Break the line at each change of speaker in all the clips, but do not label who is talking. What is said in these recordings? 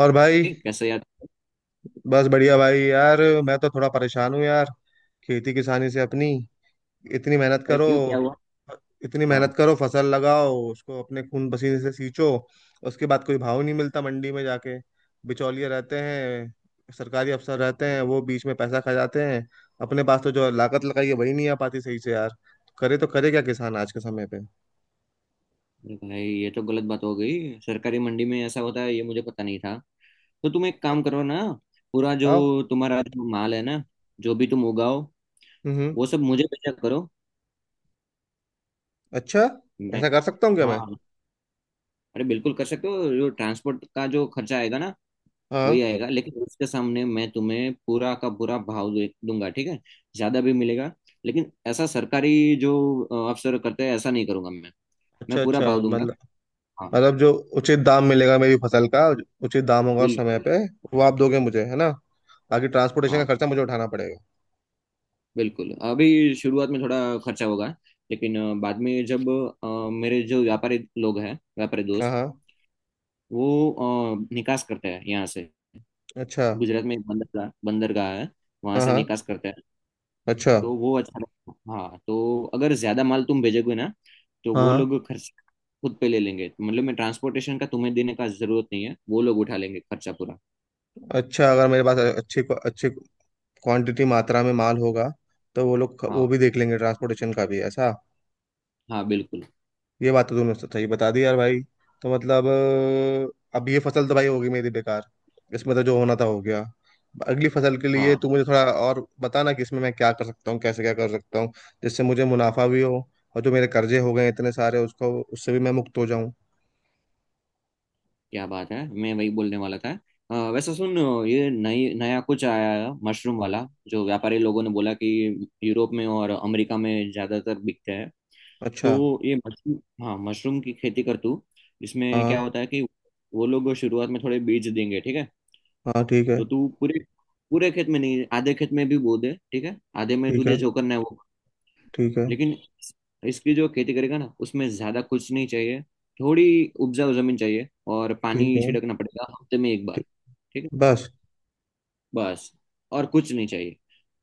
और भाई।
ये कैसे याद।
बस बढ़िया भाई यार, मैं तो थोड़ा परेशान हूँ यार। खेती किसानी से अपनी। इतनी मेहनत
अरे
करो,
क्यों? क्या हुआ?
इतनी
हाँ।
मेहनत करो, फसल लगाओ उसको अपने खून पसीने से सींचो, उसके बाद कोई भाव नहीं मिलता मंडी में जाके। बिचौलिए रहते हैं, सरकारी अफसर रहते हैं, वो बीच में पैसा खा जाते हैं। अपने पास तो जो लागत लगाई है वही नहीं आ पाती सही से यार। करे तो करे क्या किसान आज के समय पे,
अरे भाई ये तो गलत बात हो गई, सरकारी मंडी में ऐसा होता है ये मुझे पता नहीं था। तो तुम एक काम करो ना, पूरा जो
बताओ।
तुम्हारा जो माल है ना, जो भी तुम उगाओ
हम्म हम्म।
वो सब मुझे भेजा करो।
अच्छा,
मैं।
ऐसा कर सकता हूँ क्या मैं?
हाँ। अरे बिल्कुल कर सकते हो, जो ट्रांसपोर्ट का जो खर्चा आएगा ना वही
हाँ।
आएगा, लेकिन उसके सामने मैं तुम्हें पूरा का पूरा भाव दे दूंगा। ठीक है, ज्यादा भी मिलेगा। लेकिन ऐसा सरकारी जो अफसर करते हैं ऐसा नहीं करूंगा मैं। मैं
अच्छा
पूरा
अच्छा,
भाव दूंगा।
मतलब,
हाँ।
मतलब जो उचित दाम मिलेगा मेरी फसल का, उचित दाम होगा समय
बिल्कुल।
पे, वो आप दोगे मुझे, है ना? बाकी ट्रांसपोर्टेशन का
हाँ
खर्चा मुझे उठाना पड़ेगा।
बिल्कुल, अभी शुरुआत में थोड़ा खर्चा होगा। लेकिन बाद में जब मेरे जो व्यापारी लोग हैं, व्यापारी
हाँ
दोस्त,
हाँ।
वो निकास करते हैं यहाँ से।
अच्छा।
गुजरात में एक बंदरगाह बंदरगाह है, वहाँ
हाँ
से
हाँ।
निकास करते हैं।
अच्छा।
तो वो अच्छा रहेगा। हाँ, तो अगर ज़्यादा माल तुम भेजोगे ना तो
हाँ
वो लोग
हाँ।
खर्च खुद पे ले लेंगे। मतलब मैं ट्रांसपोर्टेशन का तुम्हें देने का जरूरत नहीं है, वो लोग उठा लेंगे खर्चा पूरा।
अच्छा, अगर मेरे पास अच्छी अच्छी क्वांटिटी मात्रा में माल होगा, तो वो लोग वो
हाँ।
भी देख लेंगे ट्रांसपोर्टेशन का भी, ऐसा?
हाँ बिल्कुल।
ये बात तो तुमने सही बता दी यार भाई। तो मतलब अब ये फसल तो भाई होगी मेरी बेकार, इसमें तो जो होना था हो गया। अगली फसल के लिए
हाँ।
तू मुझे थोड़ा और बताना कि इसमें मैं क्या कर सकता हूँ, कैसे क्या कर सकता हूँ, जिससे मुझे मुनाफा भी हो और जो मेरे कर्जे हो गए हैं इतने सारे उसको उससे भी मैं मुक्त हो जाऊं।
क्या बात है, मैं वही बोलने वाला था। वैसे सुन, ये नई नया कुछ आया है मशरूम वाला। जो व्यापारी लोगों ने बोला कि यूरोप में और अमेरिका में ज्यादातर बिकते हैं।
अच्छा।
तो ये मशरूम। हाँ मशरूम की खेती कर तू। इसमें क्या
हाँ।
होता है कि वो लोग शुरुआत में थोड़े बीज देंगे। ठीक है,
हाँ ठीक है।
तो तू पूरे पूरे खेत में नहीं, आधे खेत में भी बो दे। ठीक है, आधे में
ठीक है।
तुझे जो करना है वो।
ठीक है।
लेकिन इसकी जो खेती करेगा ना उसमें ज्यादा कुछ नहीं चाहिए। थोड़ी उपजाऊ जमीन चाहिए, और
ठीक
पानी
है।
छिड़कना पड़ेगा हफ्ते में एक बार।
ठीक।
ठीक है।
बस।
बस और कुछ नहीं चाहिए।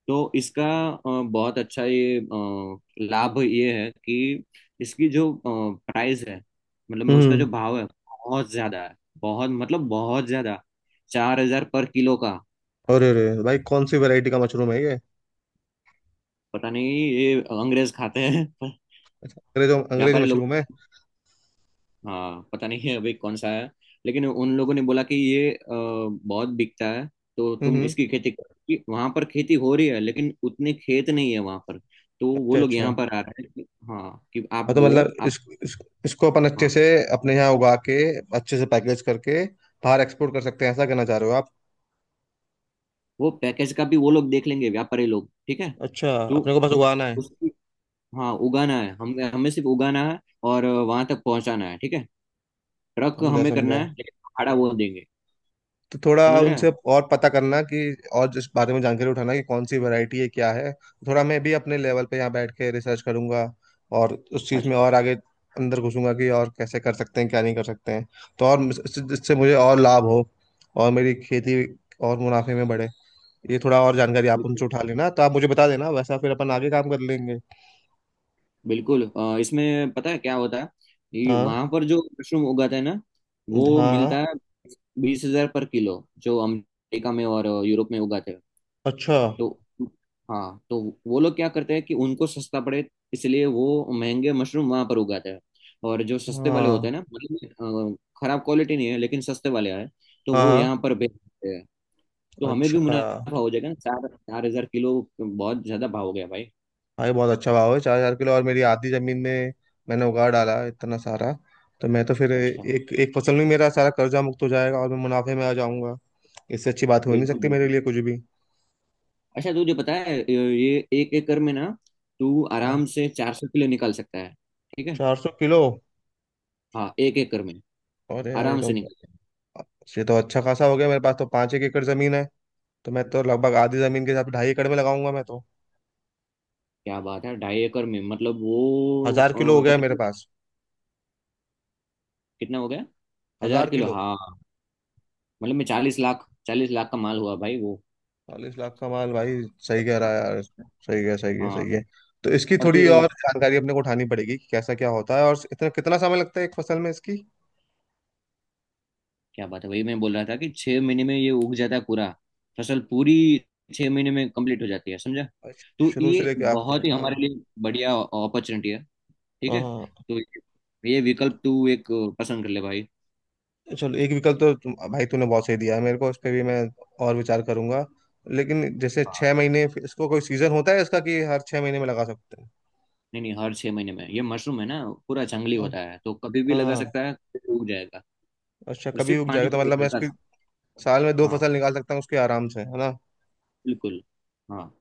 तो इसका बहुत अच्छा, ये लाभ ये है कि इसकी जो प्राइस है, मतलब मैं उसका जो
हम्म।
भाव है बहुत ज्यादा है। बहुत, मतलब बहुत ज्यादा। 4000 पर किलो का।
अरे अरे भाई, कौन सी वैरायटी का मशरूम है ये?
पता नहीं, ये अंग्रेज खाते हैं
अच्छा, अंग्रेज अंग्रेज
व्यापारी लोग।
मशरूम है।
हाँ पता नहीं अभी कौन सा आया, लेकिन उन लोगों ने बोला कि ये बहुत बिकता है। तो
हम्म
तुम
हम्म,
इसकी खेती करो, वहां पर खेती हो रही है लेकिन उतने खेत नहीं है वहां पर। तो वो
अच्छा
लोग
अच्छा।
यहाँ पर आ रहे हैं कि, हाँ कि आप
हाँ तो मतलब
वो आप।
इस, इसको अपन अच्छे से
हाँ।
अपने यहाँ उगा के अच्छे से पैकेज करके बाहर एक्सपोर्ट कर सकते हैं, ऐसा कहना चाह रहे हो आप?
वो पैकेज का भी वो लोग देख लेंगे व्यापारी लोग। ठीक है,
अच्छा,
तो
अपने को बस
इस-
उगाना है।
उसकी। हाँ उगाना है, हम हमें सिर्फ उगाना है। और वहां तक पहुंचाना है। ठीक है, ट्रक
समझा
हमें करना
समझा,
है लेकिन भाड़ा वो देंगे।
तो थोड़ा
समझ रहे हैं।
उनसे और पता करना कि और इस बारे में जानकारी उठाना कि कौन सी वैरायटी है क्या है। थोड़ा मैं भी अपने लेवल पे यहाँ बैठ के रिसर्च करूंगा और उस चीज़ में और
अच्छा।
आगे अंदर घुसूंगा कि और कैसे कर सकते हैं क्या नहीं कर सकते हैं। तो और इससे इससे मुझे और लाभ हो और मेरी खेती और मुनाफे में बढ़े। ये थोड़ा और जानकारी आप उनसे उठा लेना तो आप मुझे बता देना, वैसा फिर अपन आगे काम कर लेंगे।
बिल्कुल, इसमें पता है क्या होता है? ये
हाँ
वहां पर जो मशरूम उगाते हैं ना
हाँ।
वो
हाँ,
मिलता है 20000 पर किलो। जो अमेरिका में और यूरोप में उगाते हैं।
अच्छा।
तो। हाँ तो वो लोग क्या करते हैं कि उनको सस्ता पड़े, इसलिए वो महंगे मशरूम वहां पर उगाते हैं। और जो सस्ते वाले होते
हाँ
हैं ना, मतलब खराब क्वालिटी नहीं है लेकिन सस्ते वाले हैं, तो
हाँ।
वो
हाँ,
यहाँ पर बेचते हैं। तो हमें भी
अच्छा।
मुनाफा हो जाएगा ना, चार चार हजार किलो। बहुत ज्यादा भाव हो गया भाई।
भाई बहुत अच्छा भाव है, 4000 किलो, और मेरी आधी जमीन में मैंने उगा डाला है इतना सारा, तो मैं तो फिर
अच्छा।
एक एक फसल में मेरा सारा कर्जा मुक्त हो जाएगा और मैं मुनाफे में आ जाऊंगा। इससे अच्छी बात हो ही नहीं
बिल्कुल
सकती मेरे
बिल्कुल।
लिए कुछ भी।
अच्छा तुझे पता है, ये 1 एकड़ में ना तू
हाँ।
आराम से 400 किलो निकाल सकता है। ठीक है।
400 किलो।
हाँ, 1 एकड़ में
अरे यार ये
आराम
तो,
से निकल सकता है।
ये तो अच्छा खासा हो गया, मेरे पास तो पाँच एक एकड़ जमीन है, तो मैं तो लगभग आधी जमीन के हिसाब से 2.5 एकड़ में लगाऊंगा मैं तो।
क्या बात है, 2.5 एकड़ में मतलब
1000 किलो हो
वो
गया मेरे
तकरीबन
पास।
कितना हो गया? हजार
हजार
किलो
किलो
हाँ। मतलब मैं 40 लाख, 40 लाख का माल हुआ भाई वो।
40 लाख का माल भाई। सही कह रहा है यार, सही है, सही है,
हाँ।
सही है। तो इसकी
और तू,
थोड़ी और जानकारी अपने को उठानी पड़ेगी कि कैसा क्या होता है और इतना कितना समय लगता है एक फसल में इसकी।
क्या बात है, वही मैं बोल रहा था कि 6 महीने में ये उग जाता है पूरा। फसल पूरी 6 महीने में कंप्लीट हो जाती है, समझा?
अच्छा,
तो
शुरू से
ये
लेके आखिर
बहुत ही
तक, हाँ।
हमारे लिए बढ़िया अपॉर्चुनिटी है। ठीक है,
हाँ।
तो ये विकल्प तू एक पसंद कर ले भाई।
चलो, एक विकल्प तो भाई तूने बहुत सही दिया है मेरे को, इस पे भी मैं और विचार करूंगा, लेकिन जैसे छह
हाँ।
महीने इसको कोई सीजन होता है इसका कि हर 6 महीने में लगा सकते हैं?
नहीं नहीं, हर 6 महीने में, ये मशरूम है ना पूरा जंगली
हाँ
होता है, तो कभी भी लगा
हाँ,
सकता है, कभी भी उग जाएगा।
अच्छा
और
कभी
सिर्फ
उग
पानी
जाएगा तो
चाहिए
मतलब मैं
हल्का
इसकी
सा।
साल में दो
हाँ।
फसल निकाल सकता हूँ उसके आराम से, है ना?
बिल्कुल। हाँ।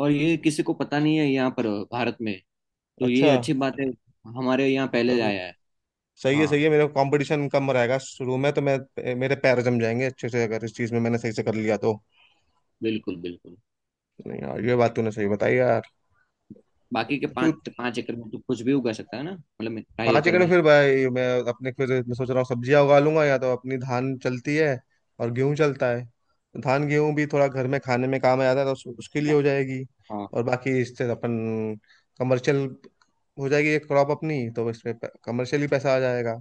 और ये किसी को पता नहीं है यहाँ पर, भारत में, तो ये
अच्छा।
अच्छी बात है। हमारे यहाँ
हाँ, तो
पहले
अभी,
आया है।
सही है, सही
हाँ।
है, मेरा कंपटीशन कम रहेगा शुरू में तो मैं, मेरे पैर जम जाएंगे अच्छे से अगर इस चीज में मैंने सही से कर लिया तो।
बिल्कुल बिल्कुल।
नहीं यार, ये बात तूने सही बताई यार।
बाकी के
तू
5 5 एकड़ में तो कुछ भी उगा सकता है ना, मतलब मैं ढाई
पाँच
एकड़
एकड़ में
में।
फिर भाई मैं, अपने फिर मैं सोच रहा हूँ सब्जियां उगा लूंगा, या तो अपनी धान चलती है और गेहूं चलता है। धान गेहूं भी थोड़ा घर में खाने में काम आ जाता है तो उसके लिए
ना?
हो जाएगी।
हाँ।
और बाकी इससे अपन कमर्शियल हो जाएगी एक क्रॉप अपनी, तो इसमें कमर्शियली पैसा आ जाएगा।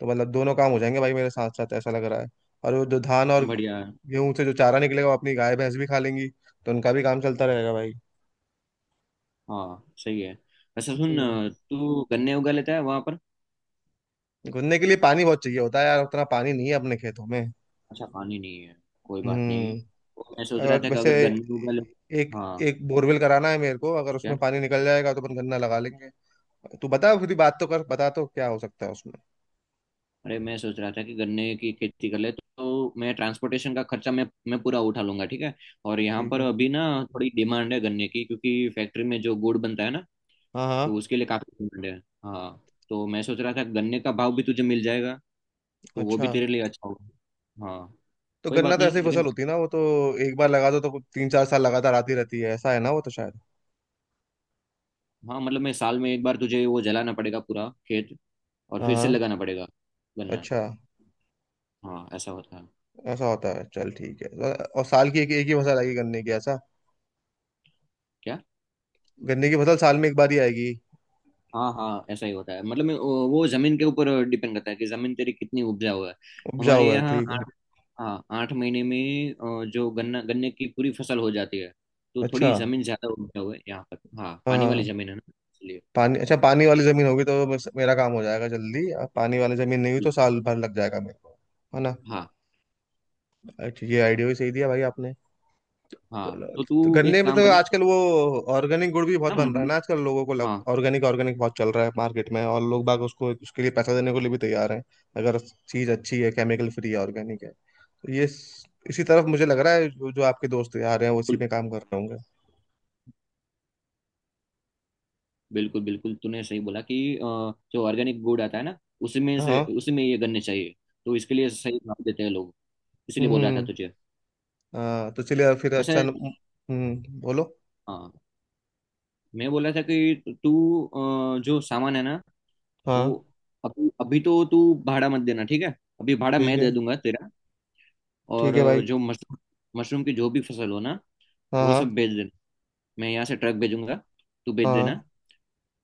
तो मतलब दोनों काम हो जाएंगे भाई मेरे साथ साथ, ऐसा लग रहा है। और वो जो धान और
बढ़िया है।
गेहूं से जो चारा निकलेगा वो अपनी गाय भैंस भी खा लेंगी तो उनका भी काम चलता रहेगा भाई।
हाँ सही है। अच्छा सुन,
हम्म।
तू गन्ने उगा लेता है वहां पर?
घूमने के लिए पानी बहुत चाहिए होता है यार, उतना पानी नहीं है अपने खेतों में।
अच्छा, पानी नहीं है, कोई बात नहीं।
हम्म।
और मैं सोच रहा
और
था कि
वैसे
अगर गन्ने उगा ले।
एक
हाँ।
एक बोरवेल कराना है मेरे को, अगर उसमें
क्या?
पानी निकल जाएगा तो अपन गन्ना लगा लेंगे। तू बता फिर, बात तो कर, बता तो क्या हो सकता है उसमें।
अरे मैं सोच रहा था कि गन्ने की खेती कर ले तो मैं ट्रांसपोर्टेशन का खर्चा मैं पूरा उठा लूंगा। ठीक है, और यहाँ
ठीक
पर
है।
अभी ना थोड़ी डिमांड है गन्ने की, क्योंकि फैक्ट्री में जो गुड़ बनता है ना
हाँ
तो
हाँ।
उसके लिए काफी डिमांड है। हाँ, तो मैं सोच रहा था गन्ने का भाव भी तुझे मिल जाएगा, तो वो
अच्छा।
भी तेरे लिए अच्छा होगा। हाँ।
तो
कोई
गन्ना
बात
तो ऐसी
नहीं लेकिन।
फसल होती है ना, वो तो एक बार लगा दो तो कुछ तीन चार साल लगातार आती रहती है, ऐसा है ना वो तो शायद।
हाँ मतलब मैं, साल में एक बार तुझे वो जलाना पड़ेगा पूरा खेत, और फिर से
हाँ।
लगाना पड़ेगा गन्ना।
अच्छा।
हाँ ऐसा होता है।
ऐसा होता है, चल ठीक है। और साल की एक एक ही फसल आएगी गन्ने की, ऐसा?
क्या?
गन्ने की फसल साल में एक बार ही आएगी?
हाँ हाँ ऐसा ही होता है। मतलब मैं- वो जमीन के ऊपर डिपेंड करता है कि जमीन तेरी कितनी उपजाऊ है।
उपजाऊ
हमारे
है,
यहाँ
ठीक है।
आठ, हाँ 8 महीने में जो गन्ना गन्ने की पूरी फसल हो जाती है। तो
अच्छा।
थोड़ी जमीन ज्यादा उपजाऊ है यहाँ पर, हाँ
हाँ
पानी वाली
हाँ।
जमीन है ना, इसलिए।
पानी, अच्छा पानी वाली जमीन होगी तो बस मेरा काम हो जाएगा जल्दी, अब पानी वाली जमीन नहीं हुई तो साल भर लग जाएगा मेरे को, है ना?
हाँ।
अच्छा, ये आइडिया भी सही दिया भाई आपने।
हाँ
चलो।
तो
तो
तू
गन्ने
एक
में तो
काम करना।
आजकल वो ऑर्गेनिक गुड़ भी बहुत बन रहा है
मंडी।
ना आजकल, लोगों को लग,
हाँ।
ऑर्गेनिक ऑर्गेनिक बहुत चल रहा है मार्केट में और लोग बाग उसको उसके लिए पैसा देने के लिए भी तैयार हैं अगर चीज़ अच्छी है, केमिकल फ्री है, ऑर्गेनिक है। तो ये इसी तरफ मुझे लग रहा है, जो जो आपके दोस्त यार हैं वो इसी
बिल्कुल
में काम कर रहे होंगे।
बिल्कुल बिल्कुल, तूने सही बोला कि जो ऑर्गेनिक गुड़ आता है ना, उसी में से
हाँ।
उसी में ये गन्ने चाहिए। तो इसके लिए सही भाव देते हैं लोग, इसीलिए बोल रहा था
हम्म।
तुझे।
हाँ तो चलिए फिर,
वैसे।
अच्छा बोलो।
हाँ। मैं बोला था कि तू जो सामान है ना,
हाँ।
वो, अभी अभी तो तू भाड़ा मत देना। ठीक है, अभी भाड़ा
ठीक
मैं
है।
दे दूंगा तेरा। और
ठीक है भाई।
जो मशरूम मशरूम की जो भी फसल हो ना
हाँ
वो सब
हाँ।
भेज देना। मैं यहाँ से ट्रक भेजूंगा, तू भेज देना।
हाँ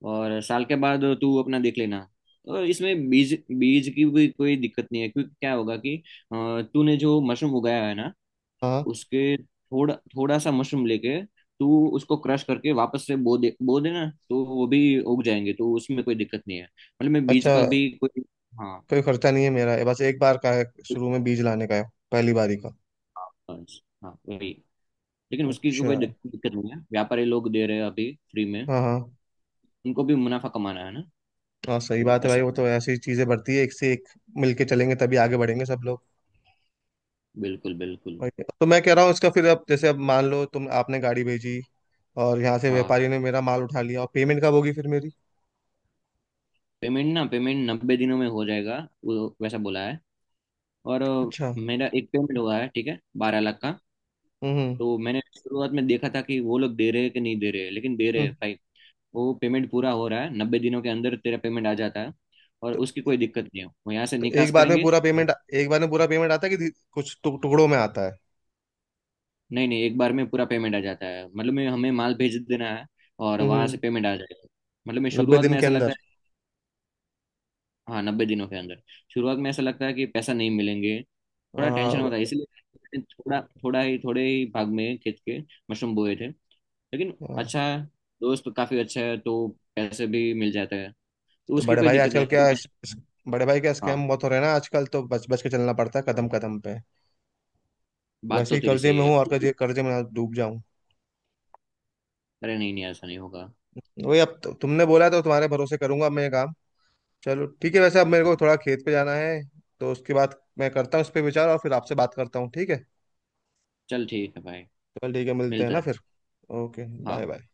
और साल के बाद तू अपना देख लेना। और इसमें बीज, बीज की भी कोई दिक्कत नहीं है, क्योंकि क्या होगा कि तूने जो मशरूम उगाया है ना,
हाँ।
उसके थोड़ा थोड़ा सा मशरूम लेके, तो उसको क्रश करके वापस से बो देना, तो वो भी उग जाएंगे। तो उसमें कोई दिक्कत नहीं है, मतलब मैं बीज
अच्छा,
का भी कोई। हाँ।
कोई खर्चा नहीं है मेरा, ये बस एक बार का है शुरू में बीज लाने का है, पहली बारी का।
हाँ, हाँ, वही। लेकिन उसकी
अच्छा।
कोई दिक्कत नहीं है, व्यापारी लोग दे रहे हैं अभी फ्री में।
हाँ हाँ।
उनको भी मुनाफा कमाना है ना,
हाँ सही
तो
बात है भाई,
ऐसा
वो
है।
तो ऐसी चीजें बढ़ती है एक से एक, मिलके चलेंगे तभी आगे बढ़ेंगे सब लोग।
बिल्कुल बिल्कुल।
और तो मैं कह रहा हूँ इसका, फिर अब जैसे, अब मान लो तुम, आपने गाड़ी भेजी और यहाँ से
हाँ।
व्यापारी ने मेरा माल उठा लिया, और पेमेंट कब होगी फिर मेरी?
पेमेंट ना, पेमेंट 90 दिनों में हो जाएगा, वो वैसा बोला है। और
अच्छा।
मेरा एक पेमेंट हुआ है, ठीक है, 12 लाख का।
हम्म
तो मैंने शुरुआत में देखा था कि वो लोग दे रहे हैं कि नहीं दे रहे हैं, लेकिन दे रहे
हम्म।
हैं
तो
भाई। वो पेमेंट पूरा हो रहा है, 90 दिनों के अंदर तेरा पेमेंट आ जाता है। और उसकी कोई दिक्कत नहीं है, वो यहाँ से
तो
निकास
एक बार में
करेंगे।
पूरा पेमेंट, एक बार में पूरा पेमेंट आता है कि कुछ टुकड़ों में आता है?
नहीं नहीं, एक बार में पूरा पेमेंट आ जाता है, मतलब में हमें माल भेज देना है और वहां से
हम्म।
पेमेंट आ जाएगा। मतलब मैं
नब्बे
शुरुआत
दिन
में
के
ऐसा लगता
अंदर?
है। हाँ, 90 दिनों के अंदर। शुरुआत में ऐसा लगता है कि पैसा नहीं मिलेंगे,
आ,
थोड़ा टेंशन
आ,
होता है, इसलिए मैंने थोड़ा थोड़ा ही थोड़े ही भाग में खेत के मशरूम बोए थे। लेकिन अच्छा है, दोस्त काफी अच्छा है तो पैसे भी मिल जाते हैं। तो
तो
उसकी
बड़े
कोई
भाई
दिक्कत
आजकल
नहीं, तू
क्या
टेंशन।
बड़े भाई क्या
हाँ।
स्कैम बहुत हो रहे हैं ना आजकल, तो बच बच के चलना पड़ता है कदम कदम पे।
बात
वैसे
तो
ही
तेरी
कर्जे
सही
में
है।
हूँ, और कर्जे कर्जे में ना डूब जाऊं।
अरे नहीं नहीं, ऐसा नहीं होगा।
वही अब तुमने बोला तो तुम्हारे भरोसे करूंगा मैं ये काम। चलो ठीक है, वैसे अब मेरे को थोड़ा खेत पे जाना है तो उसके बाद मैं करता हूँ इस पे विचार और फिर आपसे बात करता हूँ, ठीक है।
चल ठीक है भाई।
चल ठीक है, मिलते हैं
मिलता
ना
है।
फिर। ओके
हाँ।
Bye bye.